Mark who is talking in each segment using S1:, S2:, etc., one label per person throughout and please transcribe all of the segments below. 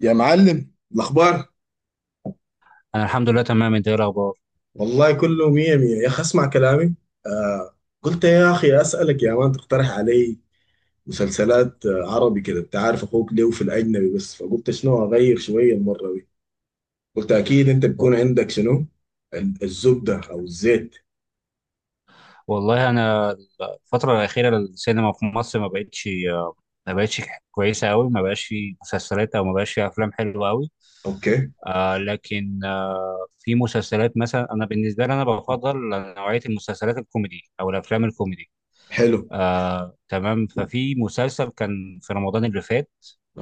S1: يا معلم، الأخبار؟
S2: أنا الحمد لله تمام، أنت إيه الأخبار؟
S1: والله كله مية مية يا أخي اسمع كلامي. آه، قلت يا أخي أسألك يا مان تقترح علي مسلسلات، عربي كده. أنت عارف أخوك ليه في الأجنبي بس، فقلت شنو أغير شوية المرة دي. قلت أكيد أنت بيكون عندك شنو. الزبدة أو الزيت.
S2: والله أنا الفترة الأخيرة السينما في مصر ما بقتش كويسة أوي، ما بقاش في مسلسلات أو ما بقاش في أفلام حلوة أوي.
S1: أوكي.
S2: لكن في مسلسلات مثلا، أنا بالنسبة لي أنا بفضل نوعية المسلسلات الكوميدي أو الأفلام الكوميدي.
S1: حلو.
S2: تمام، ففي مسلسل كان في رمضان اللي فات،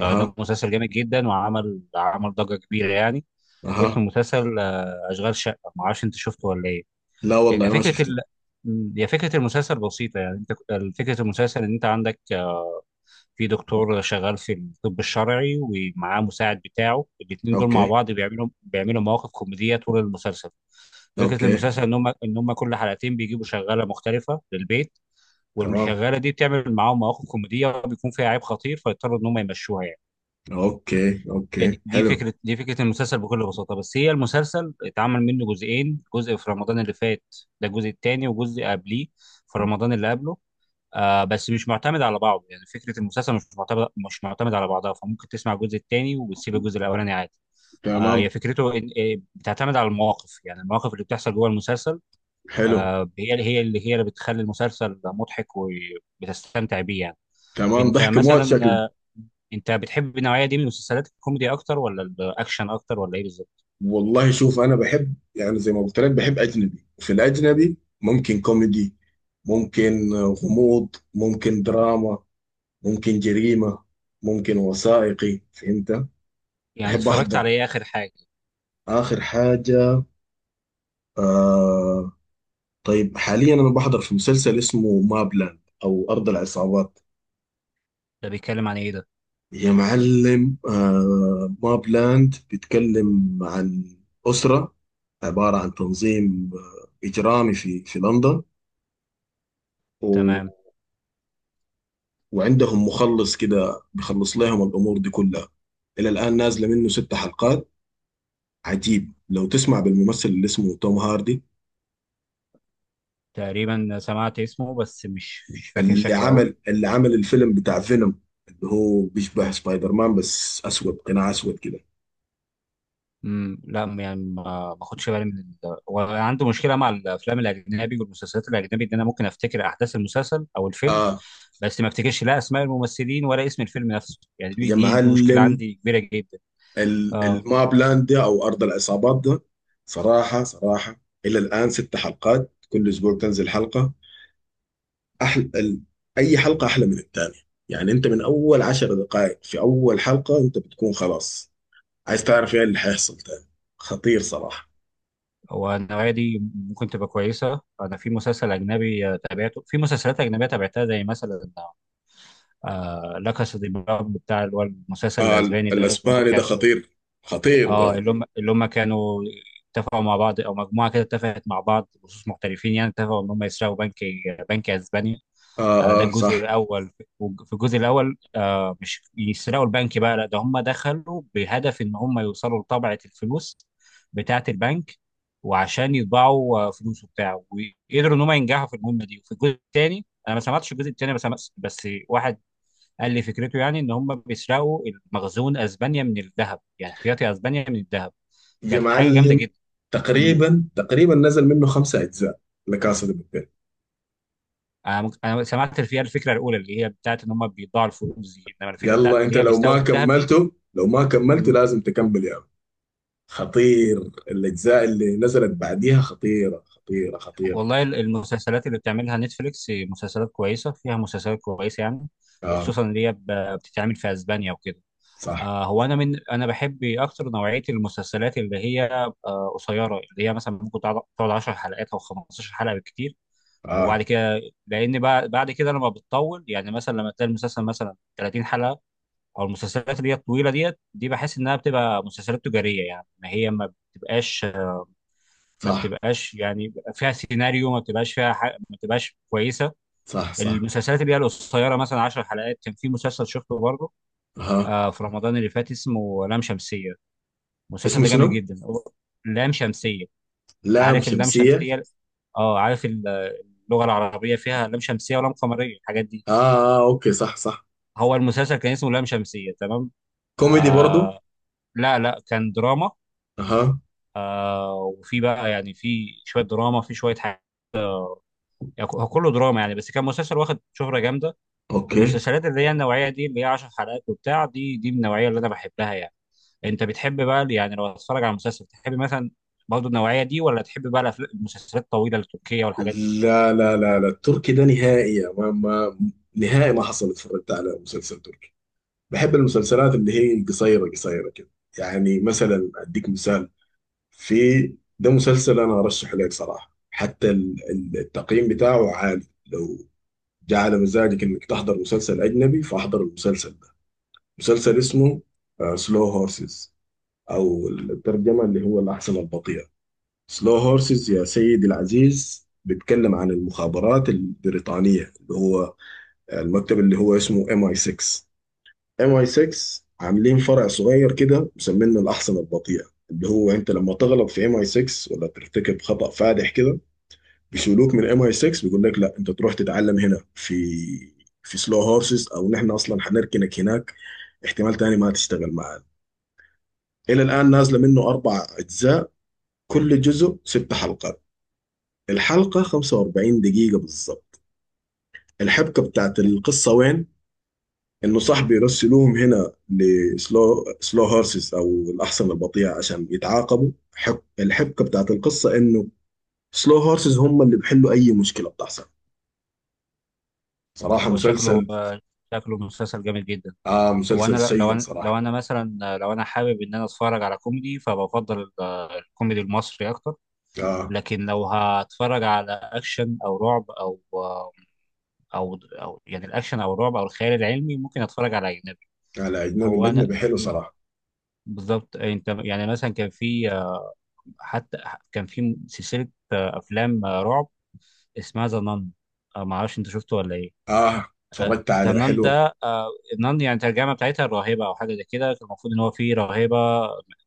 S2: ده مسلسل جامد جدا وعمل ضجة كبيرة يعني.
S1: أها.
S2: اسمه مسلسل أشغال شقة، معرفش أنت شفته ولا إيه.
S1: لا
S2: هي
S1: والله ما
S2: فكرة
S1: شفته.
S2: ال... هي فكرة المسلسل بسيطة يعني. انت فكرة المسلسل ان انت عندك في دكتور شغال في الطب الشرعي ومعاه مساعد بتاعه، الاتنين دول مع
S1: أوكي،
S2: بعض بيعملوا مواقف كوميدية طول المسلسل. فكرة
S1: أوكي.
S2: المسلسل ان هم كل حلقتين بيجيبوا شغالة مختلفة للبيت،
S1: تمام.
S2: والشغالة دي بتعمل معاهم مواقف كوميدية وبيكون فيها عيب خطير، فيضطروا ان هم يمشوها يعني.
S1: أوكي،
S2: هي دي
S1: أوكي،
S2: دي
S1: حلو.
S2: فكره دي فكره المسلسل بكل بساطه. بس هي المسلسل اتعمل منه جزئين، جزء في رمضان اللي فات، ده الجزء الثاني، وجزء قبليه في رمضان اللي قبله. بس مش معتمد على بعضه، يعني فكره المسلسل مش معتمد على بعضها، فممكن تسمع الجزء الثاني وتسيب الجزء الاولاني عادي.
S1: تمام.
S2: هي فكرته بتعتمد على المواقف، يعني المواقف اللي بتحصل جوه المسلسل.
S1: حلو.
S2: هي اللي بتخلي المسلسل مضحك وبتستمتع بيه يعني.
S1: تمام،
S2: انت
S1: ضحك موت
S2: مثلا
S1: شكله.
S2: انت بتحب النوعيه دي من المسلسلات، الكوميدي اكتر ولا الاكشن اكتر ولا ايه بالظبط؟
S1: والله شوف، انا بحب يعني زي ما قلت لك، بحب اجنبي، في الاجنبي ممكن كوميدي، ممكن غموض، ممكن دراما، ممكن جريمة، ممكن وثائقي، فهمت.
S2: يعني
S1: بحب
S2: اتفرجت على
S1: احضر
S2: ايه اخر حاجه؟
S1: اخر حاجة. آه. طيب حاليا انا بحضر في مسلسل اسمه مابلاند او ارض العصابات.
S2: ده بيتكلم عن ايه ده؟
S1: يا معلم، آه، مابلاند بيتكلم عن اسرة، عبارة عن تنظيم اجرامي في لندن،
S2: تمام.
S1: وعندهم مخلص كده بيخلص لهم الامور دي كلها. الى الان نازله منه 6 حلقات. عجيب لو تسمع بالممثل اللي اسمه توم هاردي،
S2: تقريبا سمعت اسمه بس مش فاكر
S1: اللي
S2: شكله قوي.
S1: عمل اللي عمل الفيلم بتاع فينوم، اللي هو بيشبه سبايدر مان بس اسود، قناع اسود كده.
S2: لا، يعني ما باخدش بالي من وعنده مشكله مع الافلام الاجنبي والمسلسلات الاجنبي ان انا ممكن افتكر احداث المسلسل او الفيلم،
S1: اه.
S2: بس ما افتكرش لا اسماء الممثلين ولا اسم الفيلم نفسه، يعني دي
S1: يا
S2: دي, دي مشكله
S1: معلم،
S2: عندي كبيره جدا. اه.
S1: الماب لاند ده او ارض العصابات ده، صراحه صراحه الى الان 6 حلقات، كل اسبوع تنزل حلقه. أحل... ال... أي حلقة أحلى من التانية. يعني أنت من أول 10 دقائق في أول حلقة أنت بتكون خلاص عايز تعرف إيه اللي حيحصل تاني. خطير صراحة.
S2: والنوعيه دي ممكن تبقى كويسه. انا في مسلسل اجنبي تابعته، في مسلسلات اجنبيه تابعتها زي مثلا لا كاسا دي بابل بتاع، اللي هو المسلسل
S1: آه،
S2: الاسباني ده، اللي هم
S1: الأسباني ده
S2: كانوا.
S1: خطير، خطير
S2: اه
S1: ده.
S2: اللي هم كانوا اتفقوا مع بعض او مجموعه كده اتفقت مع بعض بخصوص محترفين، يعني اتفقوا ان هم يسرقوا بنك، بنك اسباني.
S1: آه،
S2: ده
S1: آه،
S2: الجزء
S1: صح.
S2: الاول. في الجزء الاول مش يسرقوا البنك بقى، لا ده هم دخلوا بهدف ان هم يوصلوا لطبعه الفلوس بتاعه البنك، وعشان يطبعوا فلوسه بتاعه، وقدروا ان هم ينجحوا في المهمه دي. وفي الجزء الثاني انا ما سمعتش الجزء الثاني، بس واحد قال لي فكرته، يعني ان هم بيسرقوا المخزون اسبانيا من الذهب، يعني احتياطي اسبانيا من الذهب.
S1: يا
S2: كانت حاجه جامده
S1: معلم،
S2: جدا. مم.
S1: تقريبا تقريبا نزل منه 5 أجزاء لكاسا دي بابيل.
S2: أنا سمعت فيها الفكره الاولى اللي هي بتاعت ان هم بيضاعوا الفلوس دي، انما الفكره بتاعت
S1: يلا أنت،
S2: اللي هي
S1: لو
S2: بيستوي
S1: ما
S2: الذهب دي.
S1: كملته لو ما كملته
S2: مم.
S1: لازم تكمل يا عم. خطير. الأجزاء اللي نزلت بعديها خطيرة خطيرة خطيرة.
S2: والله المسلسلات اللي بتعملها نتفليكس مسلسلات كويسه، فيها مسلسلات كويسه يعني،
S1: آه،
S2: وخصوصا اللي هي بتتعمل في اسبانيا وكده.
S1: صح.
S2: هو انا من انا بحب اكتر نوعيه المسلسلات اللي هي قصيره، اللي هي مثلا ممكن تقعد 10 حلقات او 15 حلقه بالكتير.
S1: آه،
S2: وبعد كده، لان بعد كده لما بتطول، يعني مثلا لما تلاقي المسلسل مثلا 30 حلقه، او المسلسلات اللي هي الطويله ديت دي، بحس انها بتبقى مسلسلات تجاريه، يعني ما هي ما بتبقاش، ما
S1: صح،
S2: بتبقاش يعني فيها سيناريو، ما بتبقاش فيها ما بتبقاش كويسه.
S1: صح، صح.
S2: المسلسلات اللي هي القصيره مثلا 10 حلقات. كان في مسلسل شفته برضه
S1: اها.
S2: في رمضان اللي فات اسمه لام شمسيه، المسلسل
S1: اسمه
S2: ده
S1: شنو؟
S2: جامد جدا هو، لام شمسيه.
S1: لام
S2: عارف اللام
S1: شمسية.
S2: شمسيه؟ اه عارف اللغه العربيه فيها لام شمسيه ولام قمريه، الحاجات دي.
S1: آه، اه، اوكي، صح، صح.
S2: هو المسلسل كان اسمه لام شمسية تمام.
S1: كوميدي برضو؟
S2: آه لا لا، كان دراما.
S1: اها.
S2: آه وفي بقى يعني في شوية دراما في شوية حاجة، يعني هو كله دراما يعني، بس كان مسلسل واخد شهرة جامدة.
S1: اوكي.
S2: المسلسلات اللي هي النوعية دي اللي هي 10 حلقات وبتاع دي من النوعية اللي أنا بحبها يعني. أنت بتحب بقى يعني لو هتتفرج على مسلسل، تحب مثلا برضه النوعية دي ولا تحب بقى المسلسلات الطويلة التركية والحاجات دي؟
S1: لا، لا، لا، لا، التركي ده نهائي. ما نهائي ما حصل اتفرجت على مسلسل تركي. بحب المسلسلات اللي هي قصيرة قصيرة كده. يعني مثلا اديك مثال، في ده مسلسل انا ارشح لك صراحة، حتى التقييم بتاعه عالي. لو جعل مزاجك انك تحضر مسلسل اجنبي، فاحضر المسلسل. مسلسل اسمه سلو هورسز، او الترجمه اللي هو الاحصنه البطيئه. سلو هورسز يا
S2: مم.
S1: سيدي العزيز بيتكلم عن المخابرات البريطانيه، اللي هو المكتب اللي هو اسمه ام اي 6. ام اي 6 عاملين فرع صغير كده مسمينه الاحصنه البطيئه، اللي هو انت لما تغلط في ام اي 6 ولا ترتكب خطأ فادح كده، بيشيلوك من ام اي 6، بيقول لك لا، انت تروح تتعلم هنا في سلو هورسز، او نحن اصلا هنركنك هناك، احتمال تاني ما تشتغل معانا. إلى الآن نازلة منه 4 أجزاء، كل جزء 6 حلقات، الحلقة 45 دقيقة بالضبط. الحبكة بتاعت القصة وين؟ إنه صاحبي يرسلوهم هنا لسلو سلو هورسز أو الأحصنة البطيئة عشان يتعاقبوا. الحبكة بتاعت القصة إنه سلو هورسز هم اللي بيحلوا أي مشكلة بتحصل. صراحة
S2: هو شكله
S1: مسلسل،
S2: شكله مسلسل جامد جدا.
S1: آه، مسلسل
S2: لو
S1: سيء
S2: انا لو
S1: صراحة.
S2: انا مثلا، لو انا حابب ان انا اتفرج على كوميدي فبفضل الكوميدي المصري اكتر.
S1: آه.
S2: لكن لو هتفرج على اكشن او رعب او او يعني الاكشن او الرعب او الخيال العلمي ممكن اتفرج على اجنبي.
S1: على أجنبي،
S2: هو انا
S1: الأجنبي حلو
S2: م-
S1: صراحة.
S2: بالظبط. انت يعني مثلا كان في، حتى كان في سلسلة افلام رعب اسمها ذا نان. ما اعرفش انت شفته ولا ايه.
S1: آه، اتفرجت عليه،
S2: زنان
S1: حلوة.
S2: ده زنان يعني الترجمة بتاعتها الراهبة أو حاجة زي كده، كان المفروض إن هو فيه راهبة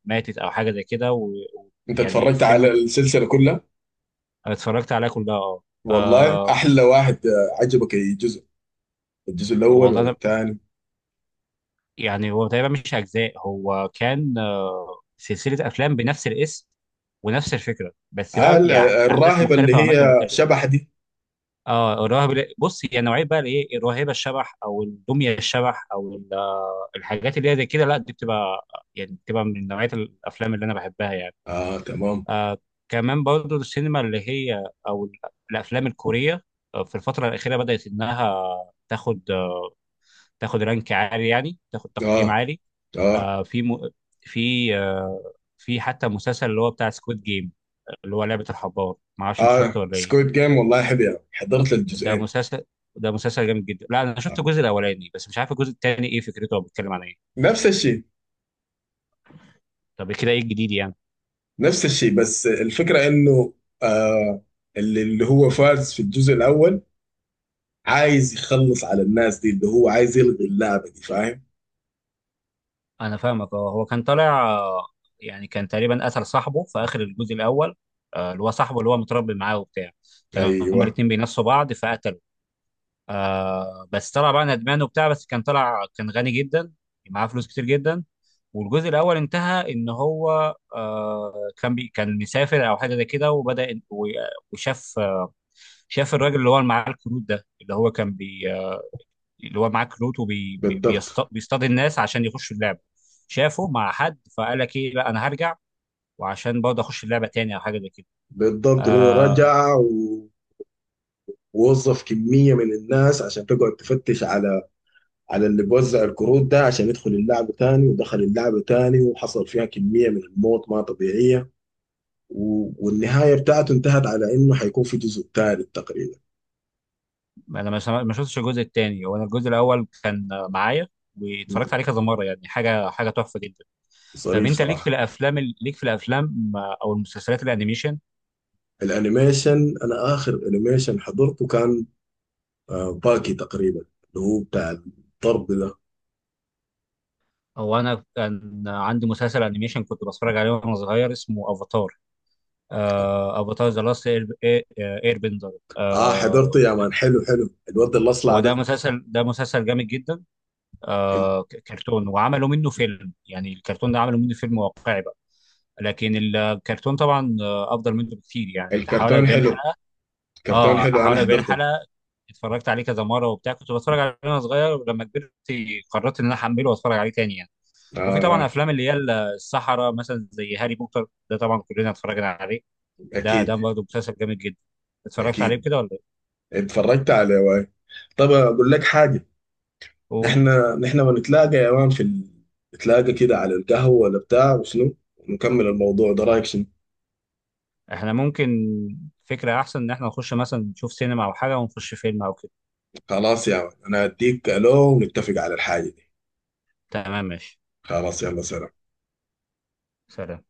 S2: ماتت أو حاجة زي كده.
S1: أنت
S2: ويعني
S1: اتفرجت
S2: فيلم
S1: على السلسلة كلها؟
S2: اتفرجت عليه كلها أه.
S1: والله
S2: آه،
S1: احلى واحد، عجبك اي جزء؟ الجزء الاول
S2: والله
S1: ولا
S2: أنا
S1: الثاني؟
S2: يعني هو تقريبا مش أجزاء، هو كان سلسلة أفلام بنفس الاسم ونفس الفكرة، بس
S1: آه،
S2: بقى يعني أحداث
S1: الراهبه اللي
S2: مختلفة وأماكن
S1: هي
S2: مختلفة.
S1: شبح دي.
S2: أه بص، هي نوعية بقى الإيه، الراهبة الشبح أو الدمية الشبح أو الحاجات اللي هي زي كده، لا دي بتبقى يعني بتبقى من نوعية الأفلام اللي أنا بحبها يعني.
S1: اه، تمام.
S2: آه كمان برضو السينما اللي هي او الافلام الكوريه، في الفتره الاخيره بدات انها تاخد تاخد رانك عالي يعني تاخد
S1: اه،
S2: تقييم عالي.
S1: اه،
S2: آه في م... في في حتى مسلسل اللي هو بتاع سكويد جيم، اللي هو لعبه الحبار، ما اعرفش انت
S1: اه،
S2: شفته ولا ايه.
S1: سكويد جيم، والله حلو يعني، حضرت
S2: ده
S1: الجزئين.
S2: مسلسل ده مسلسل جامد جدا. لا انا شفت
S1: آه.
S2: الجزء الاولاني بس مش عارف الجزء الثاني ايه فكرته او بيتكلم عن ايه.
S1: نفس الشيء.
S2: طب كده ايه الجديد يعني؟
S1: نفس الشيء، بس الفكره انه، آه، اللي هو فارز في الجزء الاول عايز يخلص على الناس دي، اللي هو عايز يلغي اللعبه دي، فاهم.
S2: انا فاهمك. اه هو كان طالع يعني كان تقريبا قتل صاحبه في اخر الجزء الاول. اللي هو صاحبه اللي هو متربي معاه وبتاع، كانوا هما
S1: ايوه.
S2: الاتنين بينافسوا بعض فقتلوا. بس طلع بقى ندمان وبتاع، بس كان غني جدا، معاه فلوس كتير جدا. والجزء الاول انتهى ان هو كان مسافر او حاجه زي كده، وبدا وشاف، شاف الراجل اللي هو اللي معاه الكروت ده، اللي هو كان بي اللي هو معاه كروت
S1: بالضبط.
S2: وبيصطاد الناس عشان يخشوا اللعبه. شافه مع حد فقال لك ايه، لا انا هرجع وعشان برضه اخش اللعبه تاني او حاجه زي كده.
S1: بالضبط، هو
S2: آه
S1: رجع ووظف كمية من الناس عشان تقعد تفتش على اللي بوزع الكروت ده عشان يدخل اللعبة تاني، ودخل اللعبة تاني وحصل فيها كمية من الموت ما طبيعية. والنهاية بتاعته انتهت على انه حيكون في جزء تالت تقريبا.
S2: انا ما شفتش الجزء التاني. وانا الجزء الاول كان معايا،
S1: مم.
S2: واتفرجت عليه كذا مره يعني، حاجه تحفه جدا. طب
S1: ظريف
S2: انت ليك في
S1: صراحة.
S2: ليك في الافلام او المسلسلات الانيميشن؟
S1: الانيميشن، انا اخر انيميشن حضرته كان، باكي تقريبا، اللي هو بتاع الضرب ده.
S2: او انا كان عندي مسلسل انيميشن كنت بتفرج عليه وانا صغير اسمه افاتار. افاتار ذا لاست اير بندر.
S1: اه حضرته يا مان، حلو حلو، الواد الاصلع
S2: هو ده
S1: ده.
S2: مسلسل ده مسلسل جامد جدا.
S1: ال-
S2: كرتون وعملوا منه فيلم، يعني الكرتون ده عملوا منه فيلم واقعي بقى. لكن الكرتون طبعا افضل منه بكتير، يعني حوالي
S1: الكرتون
S2: 40
S1: حلو.
S2: حلقه.
S1: كرتون
S2: اه
S1: حلو، انا
S2: حوالي 40
S1: حضرته.
S2: حلقه. اتفرجت عليه كذا مره وبتاع، كنت بتفرج عليه وانا صغير، ولما كبرت قررت ان انا احمله واتفرج عليه تاني يعني.
S1: آه
S2: وفي طبعا
S1: آه،
S2: افلام اللي هي السحره مثلا زي هاري بوتر، ده طبعا كلنا اتفرجنا عليه، ده
S1: اكيد.
S2: برضه مسلسل جامد جدا. اتفرجت عليه
S1: اكيد
S2: كده ولا ايه؟
S1: اتفرجت على واي. طب اقول لك حاجه؟
S2: قول.
S1: نحن بنتلاقى يا مان في نتلاقى كده على القهوه ولا بتاع وشنو، ونكمل الموضوع ده، رايك شنو؟
S2: احنا ممكن، فكرة احسن ان احنا نخش مثلا نشوف سينما او حاجة ونخش فيلم او كده.
S1: خلاص يا مان، انا هديك الو ونتفق على الحاجه دي.
S2: تمام ماشي.
S1: خلاص، يلا، سلام.
S2: سلام.